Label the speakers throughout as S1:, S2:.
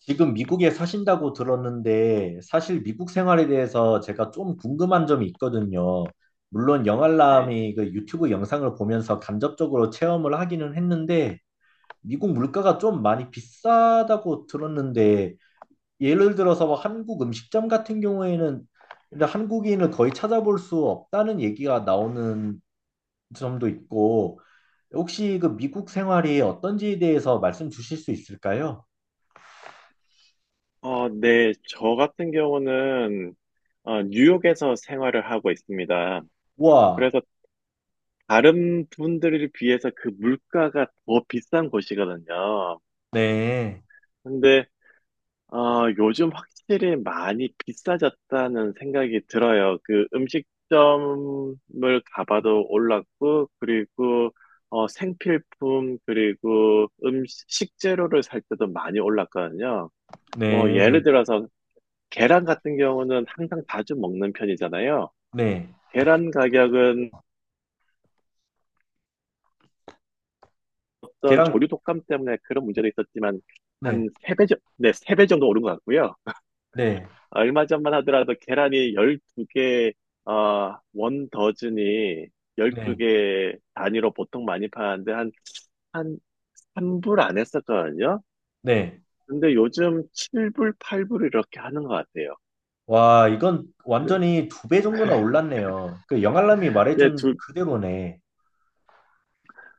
S1: 지금 미국에 사신다고 들었는데 사실 미국 생활에 대해서 제가 좀 궁금한 점이 있거든요. 물론
S2: 네.
S1: 영알람이 그 유튜브 영상을 보면서 간접적으로 체험을 하기는 했는데 미국 물가가 좀 많이 비싸다고 들었는데 예를 들어서 뭐 한국 음식점 같은 경우에는 근데 한국인을 거의 찾아볼 수 없다는 얘기가 나오는 점도 있고 혹시 그 미국 생활이 어떤지에 대해서 말씀 주실 수 있을까요?
S2: 네. 저 같은 경우는 뉴욕에서 생활을 하고 있습니다.
S1: 와,
S2: 그래서 다른 분들에 비해서 그 물가가 더 비싼 곳이거든요.
S1: 네.
S2: 근데 요즘 확실히 많이 비싸졌다는 생각이 들어요. 그 음식점을 가봐도 올랐고, 그리고 생필품, 그리고 음식, 식재료를 살 때도 많이 올랐거든요. 뭐,
S1: 네,
S2: 예를 들어서 계란 같은 경우는 항상 자주 먹는 편이잖아요.
S1: 네.
S2: 계란 가격은
S1: 계
S2: 어떤
S1: 랑
S2: 조류 독감 때문에 그런 문제는 있었지만 한
S1: 네,
S2: 세 배 정도, 네, 3배 정도 오른 것 같고요.
S1: 네,
S2: 얼마 전만 하더라도 계란이 12개, 원 더즌이
S1: 네,
S2: 12개 단위로 보통 많이 파는데 한 3불 안 했었거든요.
S1: 네.
S2: 근데 요즘 7불, 8불 이렇게 하는 것 같아요.
S1: 와, 이건
S2: 그래.
S1: 완전히 두 배 정도나 올랐네요. 그 영알람이
S2: 네,
S1: 말해준 그대로네.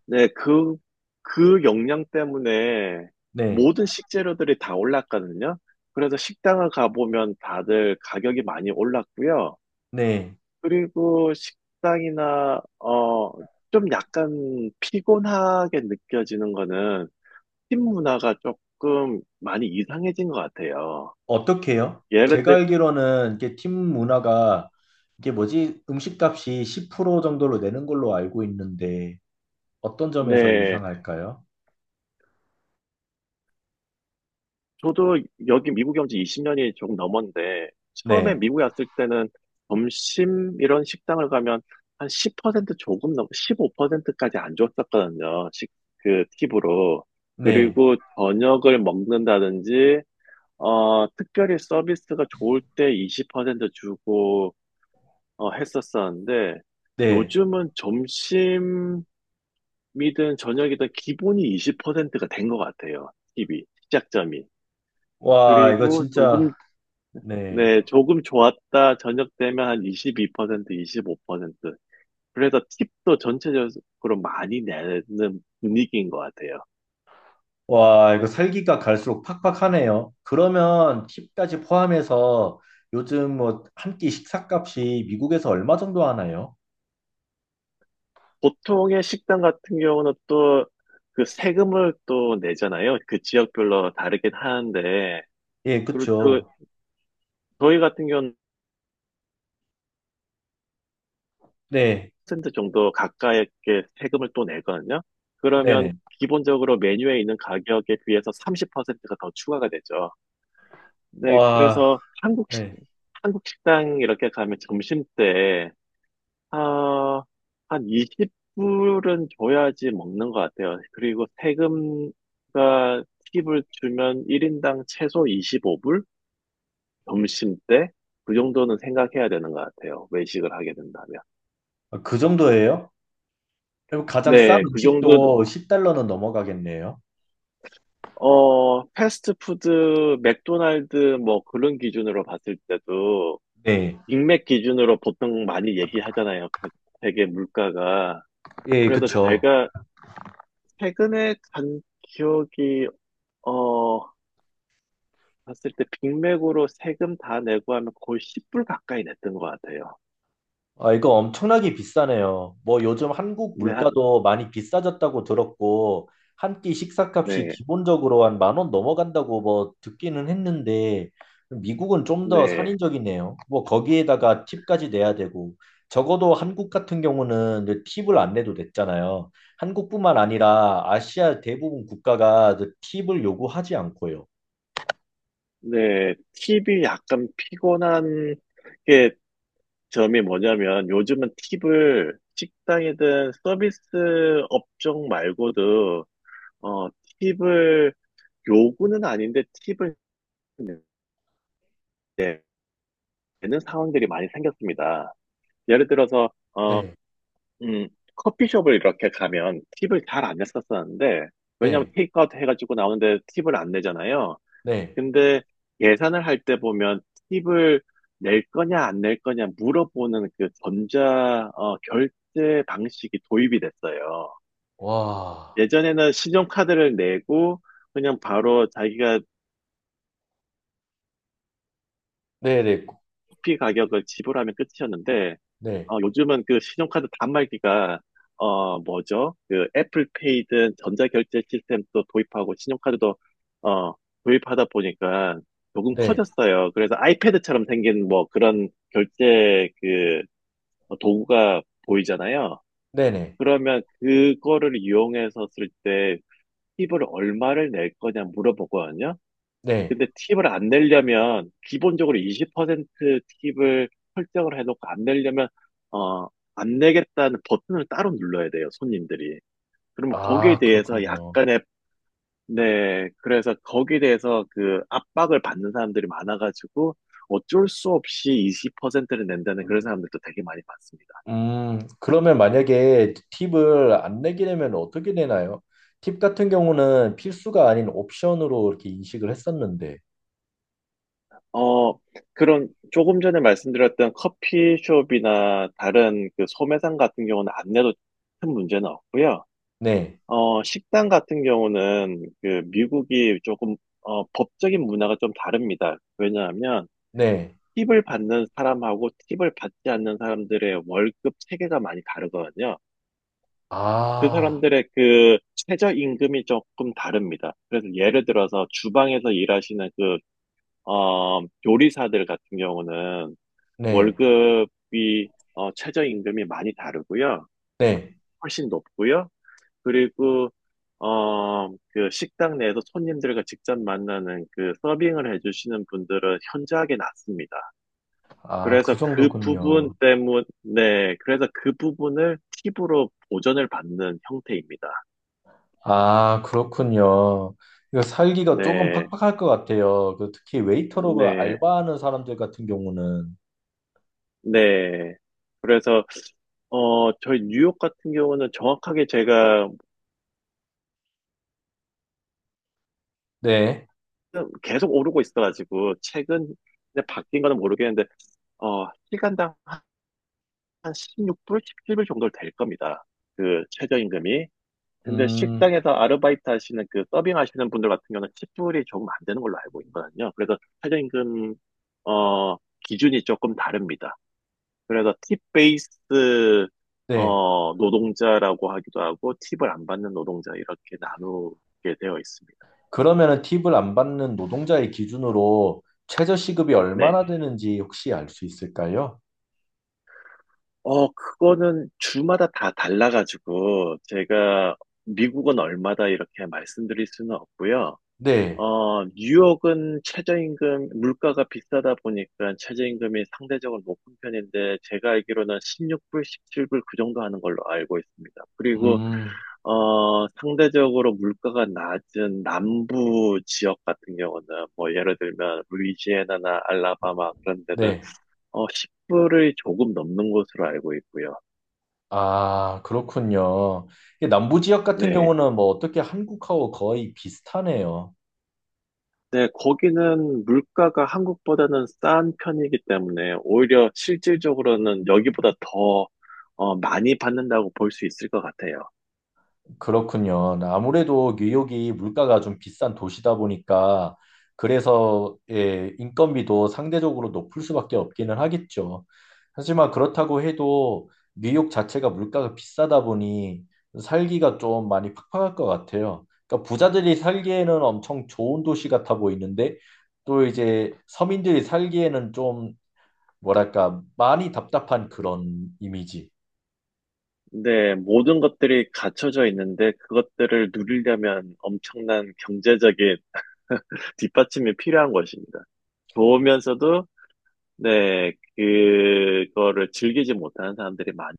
S2: 네, 그 영양 때문에
S1: 네,
S2: 모든 식재료들이 다 올랐거든요. 그래서 식당을 가보면 다들 가격이 많이 올랐고요.
S1: 네.
S2: 그리고 식당이나, 좀 약간 피곤하게 느껴지는 거는 팀 문화가 조금 많이 이상해진 것 같아요.
S1: 어떻게요?
S2: 예를
S1: 제가
S2: 들,
S1: 알기로는 이게 팀 문화가 이게 뭐지? 음식값이 10% 정도로 내는 걸로 알고 있는데 어떤 점에서
S2: 네.
S1: 이상할까요?
S2: 저도 여기 미국에 온지 20년이 조금 넘었는데, 처음에
S1: 네,
S2: 미국에 왔을 때는 점심 이런 식당을 가면 한 10%, 15%까지 안 줬었거든요. 그 팁으로.
S1: 네,
S2: 그리고 저녁을 먹는다든지, 특별히 서비스가 좋을 때 20% 주고, 했었었는데,
S1: 네.
S2: 요즘은 점심이든 저녁이든 기본이 20%가 된 것 같아요. 팁이, 시작점이.
S1: 와, 이거
S2: 그리고 조금
S1: 진짜, 네.
S2: 네, 조금 좋았다. 저녁 되면 한 22%, 25%. 그래서 팁도 전체적으로 많이 내는 분위기인 것 같아요.
S1: 와, 이거 살기가 갈수록 팍팍하네요. 그러면 팁까지 포함해서 요즘 뭐 한 끼 식사값이 미국에서 얼마 정도 하나요?
S2: 보통의 식당 같은 경우는 또 그 세금을 또 내잖아요. 그 지역별로 다르긴 하는데,
S1: 예,
S2: 그리고
S1: 그쵸.
S2: 또 저희 같은 경우는
S1: 네,
S2: 10% 정도 가까이 이렇게 세금을 또 내거든요. 그러면
S1: 네네.
S2: 기본적으로 메뉴에 있는 가격에 비해서 30%가 더 추가가 되죠. 네,
S1: 와,
S2: 그래서
S1: 네.
S2: 한국 식당 이렇게 가면 점심 때, 아, 한 20불은 줘야지 먹는 것 같아요. 그리고 세금과 팁을 주면 1인당 최소 25불? 점심 때? 그 정도는 생각해야 되는 것 같아요. 외식을 하게 된다면.
S1: 아, 그 정도예요? 그럼 가장 싼
S2: 네, 그
S1: 음식도
S2: 정도는,
S1: 10달러는 넘어가겠네요.
S2: 패스트푸드, 맥도날드, 뭐 그런 기준으로 봤을 때도
S1: 네,
S2: 인맥 기준으로 보통 많이 얘기하잖아요. 각 세계 물가가.
S1: 예,
S2: 그래서
S1: 그쵸.
S2: 제가 최근에 간 기억이, 어, 봤을 때 빅맥으로 세금 다 내고 하면 거의 10불 가까이 냈던 것 같아요.
S1: 아, 이거 엄청나게 비싸네요. 뭐 요즘 한국
S2: 네,
S1: 물가도 많이 비싸졌다고 들었고, 한 끼 식사값이
S2: 네,
S1: 기본적으로 한 만 원 넘어간다고 뭐 듣기는 했는데, 미국은 좀 더
S2: 네,
S1: 살인적이네요. 뭐 거기에다가 팁까지 내야 되고, 적어도 한국 같은 경우는 이제 팁을 안 내도 됐잖아요. 한국뿐만 아니라 아시아 대부분 국가가 이제 팁을 요구하지 않고요.
S2: 네. 팁이 약간 피곤한 게 점이 뭐냐면 요즘은 팁을 식당이든 서비스 업종 말고도, 어, 팁을 요구는 아닌데 팁을 되는 상황들이 많이 생겼습니다. 예를 들어서,
S1: 네,
S2: 음, 커피숍을 이렇게 가면 팁을 잘 안 냈었었는데, 왜냐면 하
S1: 네,
S2: 테이크아웃 해가지고 나오는데 팁을 안 내잖아요.
S1: 네.
S2: 근데 계산을 할 때 보면 팁을 낼 거냐, 안 낼 거냐 물어보는 그 전자, 결제 방식이 도입이 됐어요.
S1: 와,
S2: 예전에는 신용카드를 내고, 그냥 바로 자기가
S1: 네네,
S2: 커피 가격을 지불하면 끝이었는데,
S1: 네,
S2: 요즘은 그 신용카드 단말기가, 뭐죠? 그 애플페이든 전자결제 시스템도 도입하고 신용카드도, 어, 도입하다 보니까 조금
S1: 네,
S2: 커졌어요. 그래서 아이패드처럼 생긴 뭐 그런 결제 그 도구가 보이잖아요.
S1: 네, 네.
S2: 그러면 그거를 이용해서 쓸 때 팁을 얼마를 낼 거냐 물어보거든요.
S1: 네.
S2: 근데 팁을 안 내려면 기본적으로 20% 팁을 설정을 해놓고 안 내려면 어, 안 내겠다는 버튼을 따로 눌러야 돼요, 손님들이. 그러면 거기에
S1: 아,
S2: 대해서
S1: 그렇군요.
S2: 약간의. 네, 그래서 거기에 대해서 그 압박을 받는 사람들이 많아가지고 어쩔 수 없이 20%를 낸다는 그런 사람들도 되게 많이 봤습니다.
S1: 그러면 만약에 팁을 안 내게 되면 어떻게 되나요? 팁 같은 경우는 필수가 아닌 옵션으로 이렇게 인식을 했었는데.
S2: 어, 그런 조금 전에 말씀드렸던 커피숍이나 다른 그 소매상 같은 경우는 안 내도 큰 문제는 없고요.
S1: 네,
S2: 식당 같은 경우는 그 미국이 조금 법적인 문화가 좀 다릅니다. 왜냐하면
S1: 네.
S2: 팁을 받는 사람하고 팁을 받지 않는 사람들의 월급 체계가 많이 다르거든요. 그
S1: 아,
S2: 사람들의 그 최저 임금이 조금 다릅니다. 그래서 예를 들어서 주방에서 일하시는 그 어, 요리사들 같은 경우는
S1: 네,
S2: 월급이 최저 임금이 많이 다르고요.
S1: 네.
S2: 훨씬 높고요. 그리고 그 식당 내에서 손님들과 직접 만나는 그 서빙을 해주시는 분들은 현저하게 낮습니다.
S1: 아,
S2: 그래서
S1: 그
S2: 그 부분
S1: 정도군요.
S2: 때문에, 네, 그래서 그 부분을 팁으로 보전을 받는 형태입니다.
S1: 아, 그렇군요. 이거 살기가 조금
S2: 네,
S1: 팍팍할 것 같아요. 그 특히 웨이터로 그
S2: 네,
S1: 알바하는 사람들 같은 경우는.
S2: 네. 그래서, 저희 뉴욕 같은 경우는 정확하게 제가
S1: 네,
S2: 계속 오르고 있어가지고, 최근, 에 바뀐 거는 모르겠는데, 시간당 한 16불, 17불 정도 될 겁니다. 그 최저임금이. 근데
S1: 음,
S2: 식당에서 아르바이트 하시는 그 서빙 하시는 분들 같은 경우는 10불이 조금 안 되는 걸로 알고 있거든요. 그래서 최저임금 어 기준이 조금 다릅니다. 그래서 팁 베이스
S1: 네.
S2: 노동자라고 하기도 하고 팁을 안 받는 노동자 이렇게 나누게 되어 있습니다.
S1: 그러면은 팁을 안 받는 노동자의 기준으로 최저 시급이
S2: 네.
S1: 얼마나 되는지 혹시 알 수 있을까요?
S2: 그거는 주마다 다 달라가지고 제가 미국은 얼마다 이렇게 말씀드릴 수는 없고요.
S1: 네.
S2: 뉴욕은 최저임금, 물가가 비싸다 보니까 최저임금이 상대적으로 높은 편인데, 제가 알기로는 16불, 17불 그 정도 하는 걸로 알고 있습니다. 그리고,
S1: 음,
S2: 상대적으로 물가가 낮은 남부 지역 같은 경우는, 뭐, 예를 들면, 루이지애나나 알라바마 그런 데는,
S1: 네.
S2: 10불을 조금 넘는 것으로 알고 있고요.
S1: 아, 그렇군요. 이게 남부 지역 같은
S2: 네.
S1: 경우는 뭐 어떻게 한국하고 거의 비슷하네요.
S2: 네, 거기는 물가가 한국보다는 싼 편이기 때문에 오히려 실질적으로는 여기보다 더 많이 받는다고 볼 수 있을 것 같아요.
S1: 그렇군요. 아무래도 뉴욕이 물가가 좀 비싼 도시다 보니까 그래서 예, 인건비도 상대적으로 높을 수밖에 없기는 하겠죠. 하지만 그렇다고 해도 뉴욕 자체가 물가가 비싸다 보니 살기가 좀 많이 팍팍할 것 같아요. 그러니까 부자들이 살기에는 엄청 좋은 도시 같아 보이는데 또 이제 서민들이 살기에는 좀 뭐랄까 많이 답답한 그런 이미지.
S2: 근데 모든 것들이 갖춰져 있는데 그것들을 누리려면 엄청난 경제적인 뒷받침이 필요한 것입니다. 좋으면서도 네, 그거를 즐기지 못하는 사람들이 많.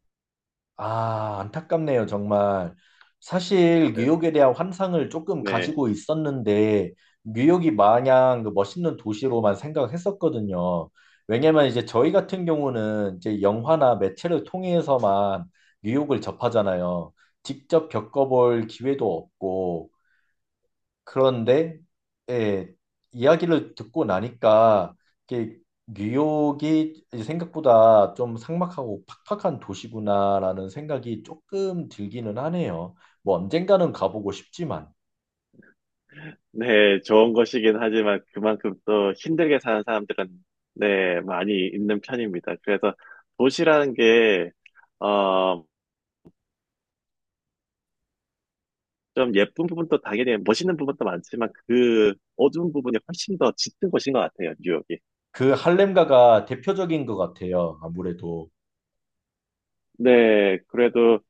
S1: 아, 안타깝네요, 정말. 사실 뉴욕에 대한 환상을 조금
S2: 네.
S1: 가지고 있었는데 뉴욕이 마냥 그 멋있는 도시로만 생각했었거든요. 왜냐면 이제 저희 같은 경우는 이제 영화나 매체를 통해서만 뉴욕을 접하잖아요. 직접 겪어볼 기회도 없고 그런데 예, 이야기를 듣고 나니까 이게 뉴욕이 이제 생각보다 좀 삭막하고 팍팍한 도시구나라는 생각이 조금 들기는 하네요. 뭐 언젠가는 가보고 싶지만
S2: 네, 좋은 것이긴 하지만 그만큼 또 힘들게 사는 사람들은 네, 많이 있는 편입니다. 그래서 도시라는 게, 어, 좀 예쁜 부분도 당연히 멋있는 부분도 많지만 그 어두운 부분이 훨씬 더 짙은 것인 것 같아요, 뉴욕이.
S1: 그 할렘가가 대표적인 것 같아요. 아무래도
S2: 네, 그래도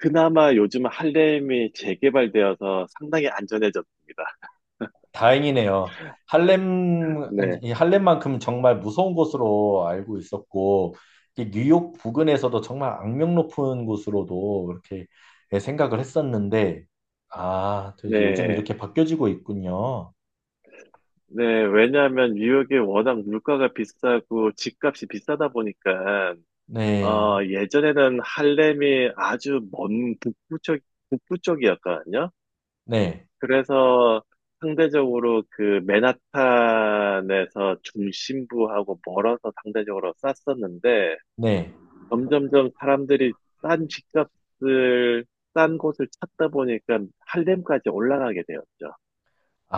S2: 그나마 요즘 할렘이 재개발되어서 상당히 안전해졌습니다.
S1: 다행이네요. 할렘,
S2: 네,
S1: 이 할렘만큼 정말 무서운 곳으로 알고 있었고, 이 뉴욕 부근에서도 정말 악명 높은 곳으로도 이렇게 생각을 했었는데, 아, 또 이제 요즘
S2: 네,
S1: 이렇게 바뀌어지고 있군요.
S2: 네. 왜냐하면 뉴욕이 워낙 물가가 비싸고 집값이 비싸다 보니까
S1: 네,
S2: 예전에는 할렘이 아주 먼 북부 쪽, 북부 쪽이었거든요.
S1: 네,
S2: 그래서 상대적으로 그 맨하탄에서 중심부하고 멀어서 상대적으로 쌌었는데
S1: 네.
S2: 점점점 사람들이 싼 집값을 싼 곳을 찾다 보니까 할렘까지 올라가게 되었죠.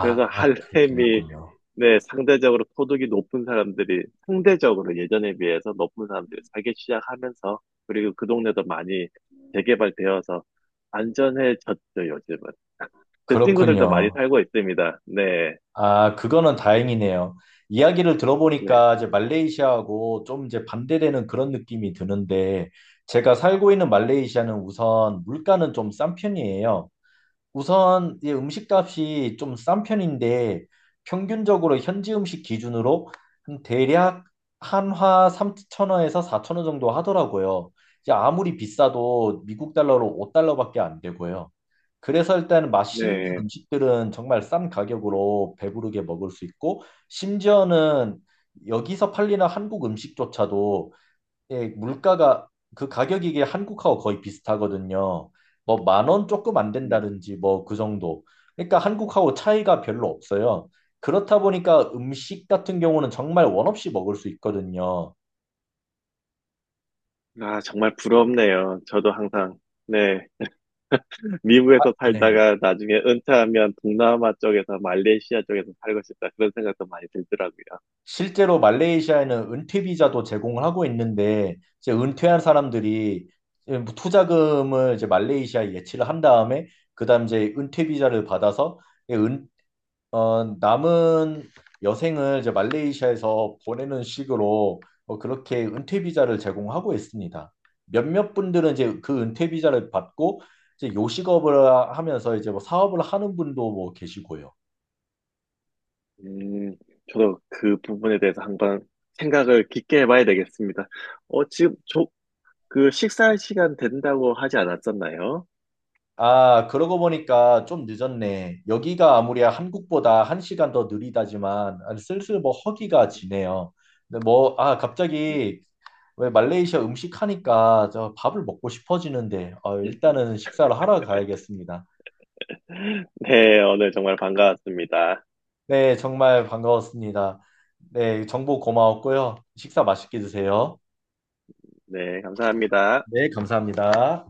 S2: 그래서
S1: 그렇게
S2: 할렘이
S1: 됐군요.
S2: 네, 상대적으로 소득이 높은 사람들이 상대적으로 예전에 비해서 높은 사람들이 살기 시작하면서 그리고 그 동네도 많이 재개발되어서 안전해졌죠, 요즘은. 제 친구들도 많이
S1: 그렇군요.
S2: 살고 있습니다. 네,
S1: 아, 그거는 다행이네요. 이야기를
S2: 네,
S1: 들어보니까 이제 말레이시아하고 좀 이제 반대되는 그런 느낌이 드는데 제가 살고 있는 말레이시아는 우선 물가는 좀 싼 편이에요. 우선 이 음식값이 좀 싼 편인데 평균적으로 현지 음식 기준으로 한 대략 한화 3천원에서4천원 정도 하더라고요. 이제 아무리 비싸도 미국 달러로 5달러밖에 안 되고요. 그래서 일단 맛있는
S2: 네,
S1: 음식들은 정말 싼 가격으로 배부르게 먹을 수 있고 심지어는 여기서 팔리는 한국 음식조차도 예, 물가가 그 가격이 이게 한국하고 거의 비슷하거든요. 뭐 만 원 조금 안
S2: 네.
S1: 된다든지 뭐 그 정도. 그러니까 한국하고 차이가 별로 없어요. 그렇다 보니까 음식 같은 경우는 정말 원 없이 먹을 수 있거든요.
S2: 아, 정말 부럽네요. 저도 항상, 네, 미국에서
S1: 네.
S2: 살다가 나중에 은퇴하면 동남아 쪽에서 말레이시아 쪽에서 살고 싶다. 그런 생각도 많이 들더라고요.
S1: 실제로 말레이시아에는 은퇴 비자도 제공을 하고 있는데 이제 은퇴한 사람들이 이제 뭐 투자금을 이제 말레이시아에 예치를 한 다음에 그다음 이제 은퇴 비자를 받아서 예, 남은 여생을 이제 말레이시아에서 보내는 식으로 그렇게 은퇴 비자를 제공하고 있습니다. 몇몇 분들은 이제 그 은퇴 비자를 받고 이제 요식업을 하면서 이제 뭐 사업을 하는 분도 뭐 계시고요.
S2: 음, 저도 그 부분에 대해서 한번 생각을 깊게 해봐야 되겠습니다. 지금 그 식사 시간 된다고 하지 않았었나요?
S1: 아, 그러고 보니까 좀 늦었네. 여기가 아무리 한국보다 한 시간 더 느리다지만 아, 슬슬 뭐 허기가 지네요. 근데 뭐, 아,
S2: 네,
S1: 갑자기 왜 말레이시아 음식 하니까 저 밥을 먹고 싶어지는데 일단은 식사를 하러 가야겠습니다.
S2: 네, 오늘 정말 반가웠습니다.
S1: 네, 정말 반가웠습니다. 네, 정보 고마웠고요. 식사 맛있게 드세요.
S2: 네, 감사합니다.
S1: 네, 감사합니다.